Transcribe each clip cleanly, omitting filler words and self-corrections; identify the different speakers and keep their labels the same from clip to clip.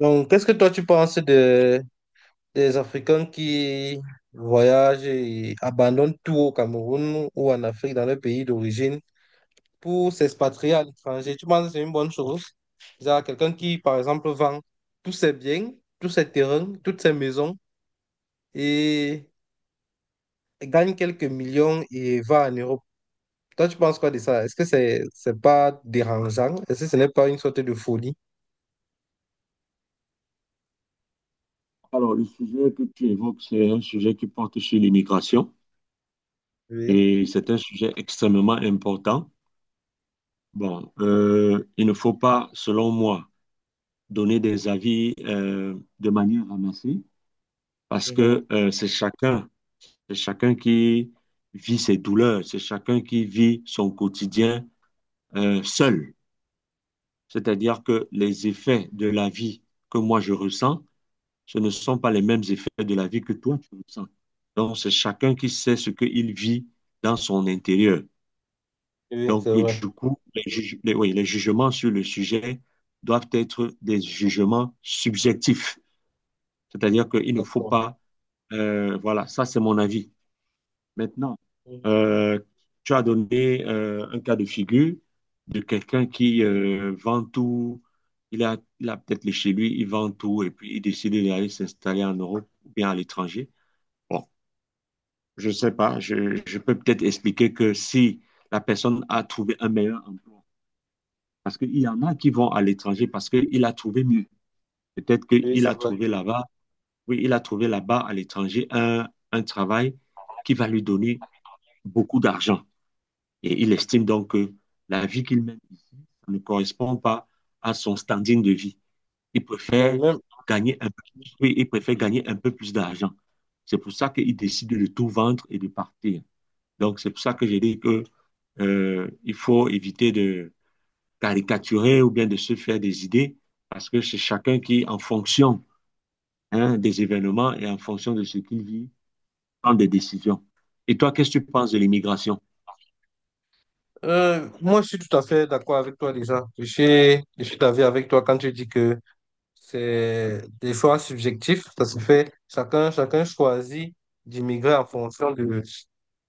Speaker 1: Donc, qu'est-ce que toi tu penses de, des Africains qui voyagent et abandonnent tout au Cameroun ou en Afrique, dans leur pays d'origine, pour s'expatrier à l'étranger? Tu penses que c'est une bonne chose? Genre quelqu'un qui, par exemple, vend tous ses biens, tous ses terrains, toutes ses maisons et gagne quelques millions et va en Europe. Toi, tu penses quoi de ça? Est-ce que c'est pas dérangeant? Est-ce que ce n'est pas une sorte de folie?
Speaker 2: Alors, le sujet que tu évoques, c'est un sujet qui porte sur l'immigration
Speaker 1: Oui.
Speaker 2: et c'est un sujet extrêmement important. Bon, il ne faut pas, selon moi, donner des avis de manière ramassée parce
Speaker 1: Mhm.
Speaker 2: que c'est chacun qui vit ses douleurs, c'est chacun qui vit son quotidien seul. C'est-à-dire que les effets de la vie que moi je ressens ce ne sont pas les mêmes effets de la vie que toi, tu ressens. Donc, c'est chacun qui sait ce qu'il vit dans son intérieur.
Speaker 1: Oui, c'est
Speaker 2: Donc,
Speaker 1: vrai.
Speaker 2: du coup, oui, les jugements sur le sujet doivent être des jugements subjectifs. C'est-à-dire qu'il ne faut
Speaker 1: D'accord.
Speaker 2: pas, voilà, ça c'est mon avis. Maintenant,
Speaker 1: Mhm.
Speaker 2: euh, tu as donné un cas de figure de quelqu'un qui vend tout, il a peut-être chez lui, il vend tout et puis il décide d'aller s'installer en Europe ou bien à l'étranger. Bon, je ne sais pas. Je peux peut-être expliquer que si la personne a trouvé un meilleur emploi, parce qu'il y en a qui vont à l'étranger parce qu'il a trouvé mieux. Peut-être
Speaker 1: Oui,
Speaker 2: qu'il
Speaker 1: c'est
Speaker 2: a
Speaker 1: vrai.
Speaker 2: trouvé là-bas, oui, il a trouvé là-bas à l'étranger un travail qui va lui donner beaucoup d'argent. Et il estime donc que la vie qu'il mène ici ne correspond pas à son standing de vie. Il
Speaker 1: Mais
Speaker 2: préfère
Speaker 1: même,
Speaker 2: gagner un peu, plus. Oui, il préfère gagner un peu plus d'argent. C'est pour ça qu'il décide de tout vendre et de partir. Donc, c'est pour ça que j'ai dit que il faut éviter de caricaturer ou bien de se faire des idées, parce que c'est chacun qui, en fonction hein, des événements et en fonction de ce qu'il vit, prend des décisions. Et toi, qu'est-ce que tu penses de l'immigration?
Speaker 1: Moi, je suis tout à fait d'accord avec toi déjà. Je suis d'avis avec toi quand tu dis que c'est des choix subjectifs. Ça se fait, chacun, chacun choisit d'immigrer en fonction de,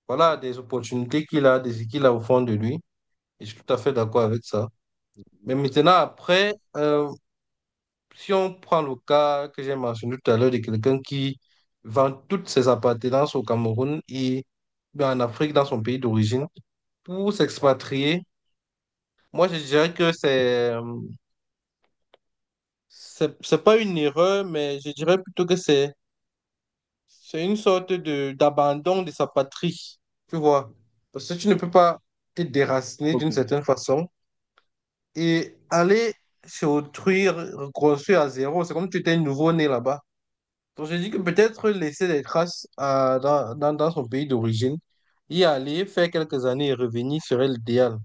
Speaker 1: voilà, des opportunités qu'il a, des qu'il a au fond de lui. Et je suis tout à fait d'accord avec ça. Mais maintenant, après, si on prend le cas que j'ai mentionné tout à l'heure de quelqu'un qui vend toutes ses appartenances au Cameroun et en Afrique, dans son pays d'origine, pour s'expatrier. Moi, je dirais que c'est pas une erreur, mais je dirais plutôt que c'est une sorte de d'abandon de sa patrie, tu vois. Parce que tu ne peux pas te déraciner
Speaker 2: Ok.
Speaker 1: d'une certaine façon et aller se autrui, reconstruire à zéro. C'est comme si tu étais nouveau-né là-bas. Donc, je dis que peut-être laisser des traces dans, dans son pays d'origine, y aller, faire quelques années et revenir serait l'idéal.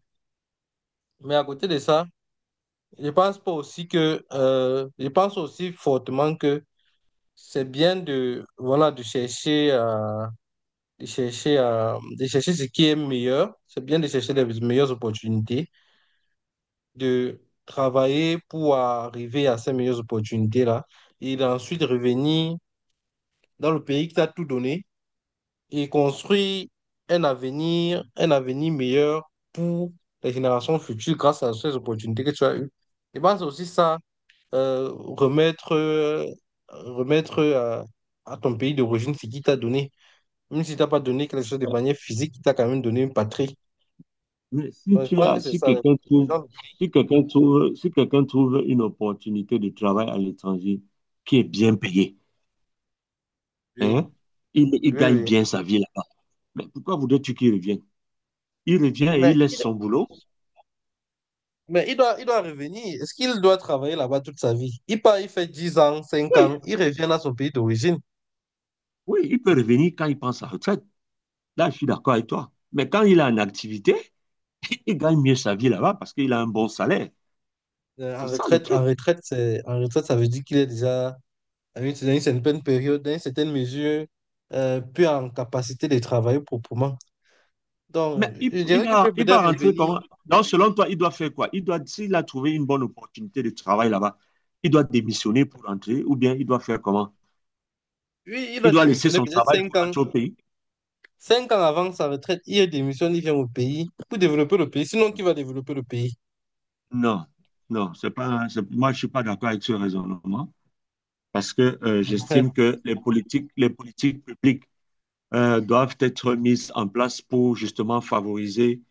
Speaker 1: Mais à côté de ça, je pense pas aussi que, je pense aussi fortement que c'est bien de, voilà, de chercher ce qui est meilleur. C'est bien de chercher les meilleures opportunités, de travailler pour arriver à ces meilleures opportunités-là et d'ensuite revenir dans le pays qui t'a tout donné et construire un avenir meilleur pour les générations futures grâce à ces opportunités que tu as eues. Je pense aussi ça euh, remettre, euh, remettre à ton pays d'origine ce qu'il t'a donné. Même si t'as pas donné quelque chose de manière physique, il t'a quand même donné une patrie.
Speaker 2: Mais si
Speaker 1: Donc, je
Speaker 2: tu
Speaker 1: pense
Speaker 2: as,
Speaker 1: que c'est
Speaker 2: si
Speaker 1: ça.
Speaker 2: quelqu'un
Speaker 1: Les
Speaker 2: trouve,
Speaker 1: gens-
Speaker 2: si quelqu'un trouve une opportunité de travail à l'étranger qui est bien payée,
Speaker 1: Oui,
Speaker 2: hein, il
Speaker 1: oui,
Speaker 2: gagne
Speaker 1: oui.
Speaker 2: bien sa vie là-bas. Mais pourquoi voudrais-tu qu'il revienne? Il revient et il
Speaker 1: Mais
Speaker 2: laisse
Speaker 1: il doit,
Speaker 2: son boulot.
Speaker 1: mais il doit, il doit revenir. Est-ce qu'il doit travailler là-bas toute sa vie? Il part, il fait 10 ans, cinq
Speaker 2: Oui,
Speaker 1: ans, il revient à son pays d'origine.
Speaker 2: oui, il peut revenir quand il prend sa retraite. Là, je suis d'accord avec toi. Mais quand il a une activité, il gagne mieux sa vie là-bas parce qu'il a un bon salaire.
Speaker 1: En
Speaker 2: C'est ça le
Speaker 1: retraite, en
Speaker 2: truc.
Speaker 1: retraite, c'est, en retraite, ça veut dire qu'il est déjà à une- dans une certaine période, dans une certaine mesure, plus en capacité de travailler proprement.
Speaker 2: Mais
Speaker 1: Donc,
Speaker 2: il,
Speaker 1: je
Speaker 2: il
Speaker 1: dirais qu'il
Speaker 2: va,
Speaker 1: peut
Speaker 2: il va
Speaker 1: peut-être
Speaker 2: rentrer comment?
Speaker 1: revenir.
Speaker 2: Donc, selon toi, il doit faire quoi? Il doit, s'il a trouvé une bonne opportunité de travail là-bas, il doit démissionner pour rentrer ou bien il doit faire comment?
Speaker 1: Lui, il
Speaker 2: Il
Speaker 1: a
Speaker 2: doit laisser
Speaker 1: démissionné
Speaker 2: son
Speaker 1: peut-être
Speaker 2: travail
Speaker 1: 5
Speaker 2: pour
Speaker 1: ans.
Speaker 2: rentrer au pays?
Speaker 1: 5 ans avant sa retraite, il démissionne, il vient au pays pour
Speaker 2: Ah,
Speaker 1: développer le pays. Sinon, qui va développer le pays?
Speaker 2: non, non, c'est pas, c'est- moi, je suis pas d'accord avec ce raisonnement parce que j'estime que les politiques, publiques doivent être mises en place pour justement favoriser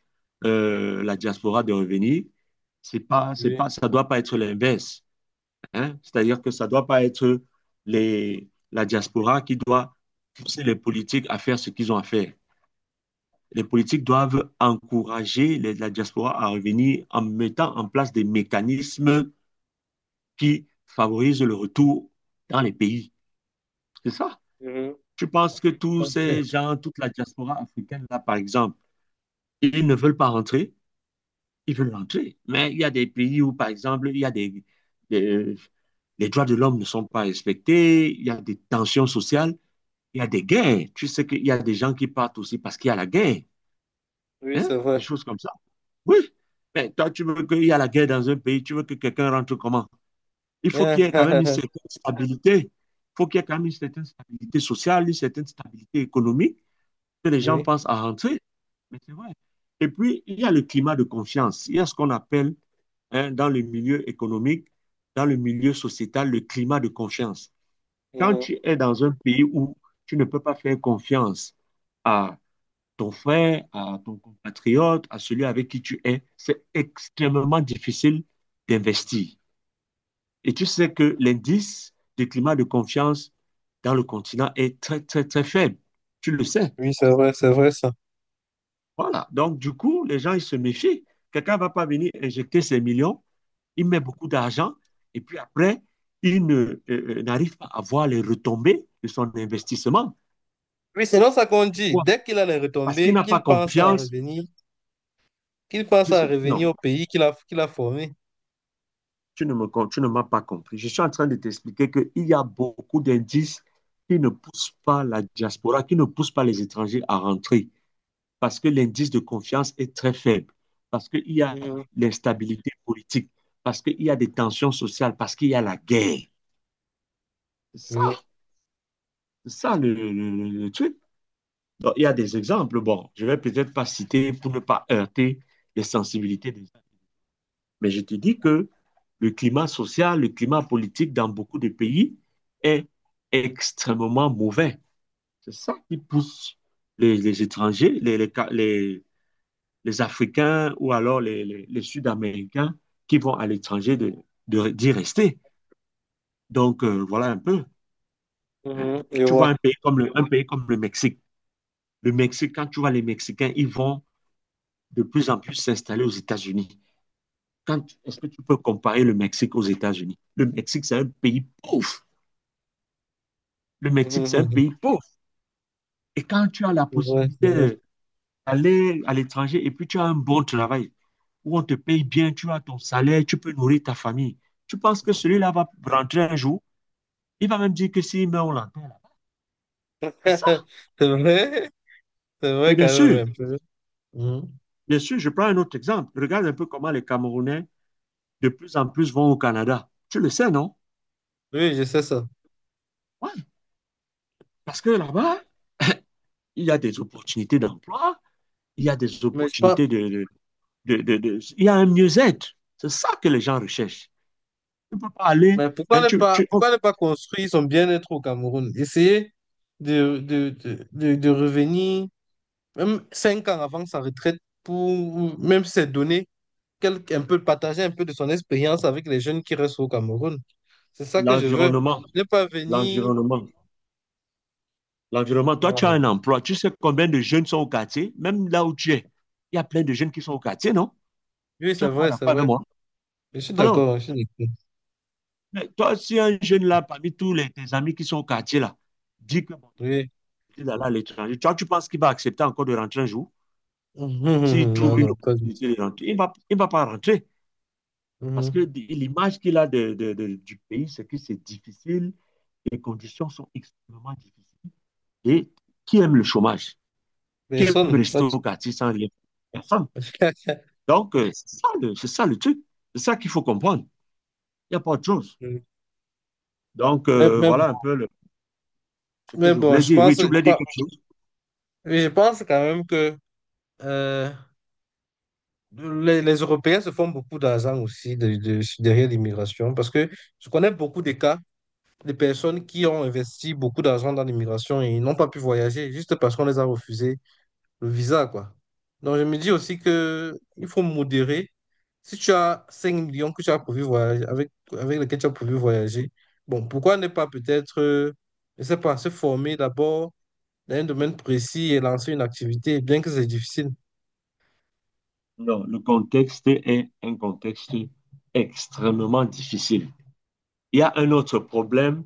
Speaker 2: la diaspora de revenir. C'est
Speaker 1: Oui.
Speaker 2: pas, ça doit pas être l'inverse. Hein. C'est-à-dire que ça ne doit pas être les, la diaspora qui doit pousser les politiques à faire ce qu'ils ont à faire. Les politiques doivent encourager la diaspora à revenir en mettant en place des mécanismes qui favorisent le retour dans les pays. C'est ça.
Speaker 1: Mhm.
Speaker 2: Je pense que tous
Speaker 1: Donc, c'est-
Speaker 2: ces gens, toute la diaspora africaine, là, par exemple, ils ne veulent pas rentrer, ils veulent rentrer. Mais il y a des pays où, par exemple, il y a des- les droits de l'homme ne sont pas respectés, il y a des tensions sociales. Il y a des guerres. Tu sais qu'il y a des gens qui partent aussi parce qu'il y a la guerre.
Speaker 1: Oui,
Speaker 2: Hein?
Speaker 1: c'est
Speaker 2: Des
Speaker 1: vrai.
Speaker 2: choses comme ça. Oui. Mais toi, tu veux qu'il y ait la guerre dans un pays, tu veux que quelqu'un rentre comment? Il faut qu'il y ait quand même une certaine stabilité. Il faut qu'il y ait quand même une certaine stabilité sociale, une certaine stabilité économique, que les gens
Speaker 1: Oui.
Speaker 2: pensent à rentrer. Mais c'est vrai. Et puis, il y a le climat de confiance. Il y a ce qu'on appelle, hein, dans le milieu économique, dans le milieu sociétal, le climat de confiance. Quand
Speaker 1: Mhm.
Speaker 2: tu es dans un pays où tu ne peux pas faire confiance à ton frère, à ton compatriote, à celui avec qui tu es, c'est extrêmement difficile d'investir. Et tu sais que l'indice du climat de confiance dans le continent est très, très, très faible. Tu le sais.
Speaker 1: Oui, c'est vrai ça.
Speaker 2: Voilà. Donc, du coup, les gens, ils se méfient. Quelqu'un ne va pas venir injecter ses millions, il met beaucoup d'argent, et puis après, il ne, n'arrive pas à voir les retombées de son investissement.
Speaker 1: Oui, sinon ça qu'on dit,
Speaker 2: Pourquoi?
Speaker 1: dès qu'il a les
Speaker 2: Parce qu'il
Speaker 1: retombées,
Speaker 2: n'a pas
Speaker 1: qu'il pense à
Speaker 2: confiance.
Speaker 1: revenir, qu'il pense à revenir
Speaker 2: Non.
Speaker 1: au pays qu'il a, qu'il a formé.
Speaker 2: tu ne me, tu ne m'as pas compris. Je suis en train de t'expliquer qu'il y a beaucoup d'indices qui ne poussent pas la diaspora, qui ne poussent pas les étrangers à rentrer, parce que l'indice de confiance est très faible, parce qu'il y a
Speaker 1: Mhm.
Speaker 2: l'instabilité politique, parce qu'il y a des tensions sociales, parce qu'il y a la guerre. ça,
Speaker 1: Oui.
Speaker 2: ça le- truc. Donc, il y a des exemples. Bon, je ne vais peut-être pas citer pour ne pas heurter les sensibilités des… Mais je te dis que le climat social, le climat politique dans beaucoup de pays est extrêmement mauvais. C'est ça qui pousse les étrangers, les Africains ou alors les Sud-Américains qui vont à l'étranger d'y rester. Donc, voilà un peu.
Speaker 1: Mhm. Je
Speaker 2: Tu vois
Speaker 1: vois.
Speaker 2: un pays, un pays comme le Mexique. Le Mexique, quand tu vois les Mexicains, ils vont de plus en plus s'installer aux États-Unis. Quand, est-ce que tu peux comparer le Mexique aux États-Unis? Le Mexique, c'est un pays pauvre. Le Mexique, c'est un
Speaker 1: Mhm.
Speaker 2: pays pauvre. Et quand tu as la
Speaker 1: C'est vrai, c'est vrai.
Speaker 2: possibilité d'aller à l'étranger et puis tu as un bon travail, où on te paye bien, tu as ton salaire, tu peux nourrir ta famille, tu penses que celui-là va rentrer un jour, il va même dire que si, mais on l'entend. C'est ça.
Speaker 1: C'est vrai. C'est
Speaker 2: Mais
Speaker 1: vrai quand même un peu. Mhm.
Speaker 2: bien sûr, je prends un autre exemple. Regarde un peu comment les Camerounais de plus en plus vont au Canada. Tu le sais, non?
Speaker 1: Oui, je sais ça.
Speaker 2: Oui. Parce que là-bas, il y a des opportunités d'emploi, il y a des
Speaker 1: Mais je pense,
Speaker 2: opportunités de… Il y a un mieux-être. C'est ça que les gens recherchent. Tu peux pas aller.
Speaker 1: mais
Speaker 2: hein, tu, tu- oh,
Speaker 1: pourquoi ne pas construire son bien-être au Cameroun? Essayer de revenir, même 5 ans avant sa retraite, pour ou même se donner quelque, un peu, partager un peu de son expérience avec les jeunes qui restent au Cameroun. C'est ça que je veux.
Speaker 2: l'environnement,
Speaker 1: Ne pas venir.
Speaker 2: l'environnement, l'environnement. Toi, tu as
Speaker 1: Voilà.
Speaker 2: un emploi. Tu sais combien de jeunes sont au quartier, même là où tu es. Il y a plein de jeunes qui sont au quartier, non?
Speaker 1: Oui,
Speaker 2: Tu
Speaker 1: c'est
Speaker 2: n'es pas
Speaker 1: vrai, c'est
Speaker 2: d'accord avec
Speaker 1: vrai.
Speaker 2: moi?
Speaker 1: Je suis
Speaker 2: Alors,
Speaker 1: d'accord, je suis d'accord.
Speaker 2: mais toi, si un jeune là, parmi tes amis qui sont au quartier là, dit que bon, il a
Speaker 1: Oui.
Speaker 2: décidé d'aller à l'étranger, toi, tu penses qu'il va accepter encore de rentrer un jour? S'il trouve
Speaker 1: Non,
Speaker 2: une
Speaker 1: non, pas du tout.
Speaker 2: opportunité de rentrer, il va pas rentrer. Parce que
Speaker 1: Mhm.
Speaker 2: l'image qu'il a du pays, c'est que c'est difficile. Les conditions sont extrêmement difficiles. Et qui aime le chômage? Qui aime
Speaker 1: Personne, pas
Speaker 2: rester
Speaker 1: du
Speaker 2: au quartier sans rien? Personne.
Speaker 1: tout.
Speaker 2: Donc, c'est ça le truc. C'est ça qu'il faut comprendre. Il n'y a pas autre chose. Donc,
Speaker 1: Mais, mais-
Speaker 2: voilà un peu ce que
Speaker 1: mais
Speaker 2: je
Speaker 1: bon,
Speaker 2: voulais dire. Oui, tu
Speaker 1: je
Speaker 2: voulais dire
Speaker 1: pense
Speaker 2: quelque chose?
Speaker 1: oui, je pense quand même que euh, les Européens se font beaucoup d'argent aussi derrière l'immigration parce que je connais beaucoup de cas de personnes qui ont investi beaucoup d'argent dans l'immigration et ils n'ont pas pu voyager juste parce qu'on les a refusé le visa, quoi. Donc, je me dis aussi que il faut modérer. Si tu as 5 millions que tu as prévu voyager, avec lesquels tu as prévu voyager, bon, pourquoi ne pas peut-être, je sais pas, se former d'abord dans un domaine précis et lancer une activité, bien que c'est difficile.
Speaker 2: Non, le contexte est un contexte extrêmement difficile. Il y a un autre problème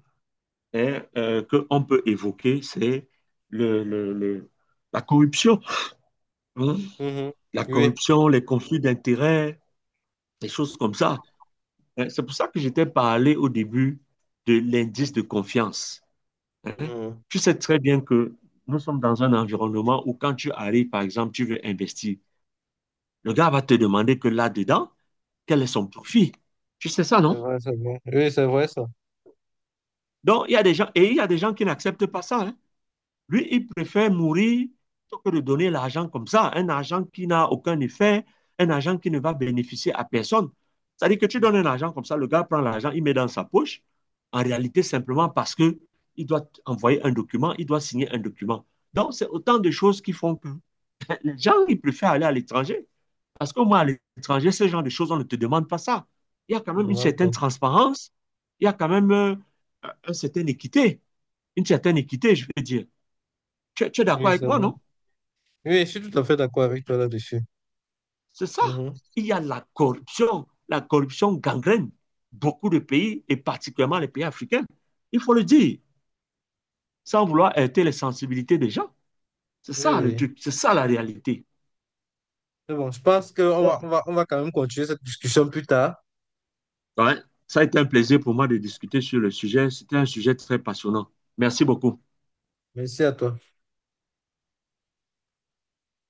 Speaker 2: hein, qu'on peut évoquer, c'est le, le- le- la corruption. Hein.
Speaker 1: Mhm.
Speaker 2: La
Speaker 1: Oui.
Speaker 2: corruption, les conflits d'intérêts, des choses comme ça. Hein, c'est pour ça que je t'ai parlé au début de l'indice de confiance. Hein.
Speaker 1: Mhm.
Speaker 2: Tu sais très bien que nous sommes dans un environnement où quand tu arrives, par exemple, tu veux investir, le gars va te demander que là-dedans, quel est son profit. Tu sais ça,
Speaker 1: C'est
Speaker 2: non?
Speaker 1: vrai, c'est vrai. Oui, c'est vrai ça.
Speaker 2: Donc, il y a des gens, et il y a des gens qui n'acceptent pas ça. Hein. Lui, il préfère mourir plutôt que de donner l'argent comme ça, un argent qui n'a aucun effet, un argent qui ne va bénéficier à personne. C'est-à-dire que tu donnes un argent comme ça, le gars prend l'argent, il met dans sa poche, en réalité simplement parce que il doit envoyer un document, il doit signer un document. Donc, c'est autant de choses qui font que les gens, ils préfèrent aller à l'étranger. Parce qu'au moins, à l'étranger, ce genre de choses, on ne te demande pas ça. Il y a quand
Speaker 1: Je te
Speaker 2: même une
Speaker 1: demande pas.
Speaker 2: certaine transparence, il y a quand même une certaine équité, une certaine équité, je veux dire. Tu es d'accord
Speaker 1: Oui,
Speaker 2: avec
Speaker 1: c'est
Speaker 2: moi,
Speaker 1: vrai.
Speaker 2: non?
Speaker 1: Oui, je suis tout à fait d'accord avec toi là-dessus.
Speaker 2: C'est ça.
Speaker 1: Mhm.
Speaker 2: Il y a la corruption. La corruption gangrène beaucoup de pays, et particulièrement les pays africains. Il faut le dire, sans vouloir heurter les sensibilités des gens. C'est
Speaker 1: Oui,
Speaker 2: ça le
Speaker 1: oui.
Speaker 2: truc, c'est ça la réalité.
Speaker 1: C'est bon, je pense qu'on va,
Speaker 2: Bon,
Speaker 1: on va, on va quand même continuer cette discussion plus tard.
Speaker 2: ouais. ça a été un plaisir pour moi de discuter sur le sujet. C'était un sujet très passionnant. Merci beaucoup.
Speaker 1: Merci à toi.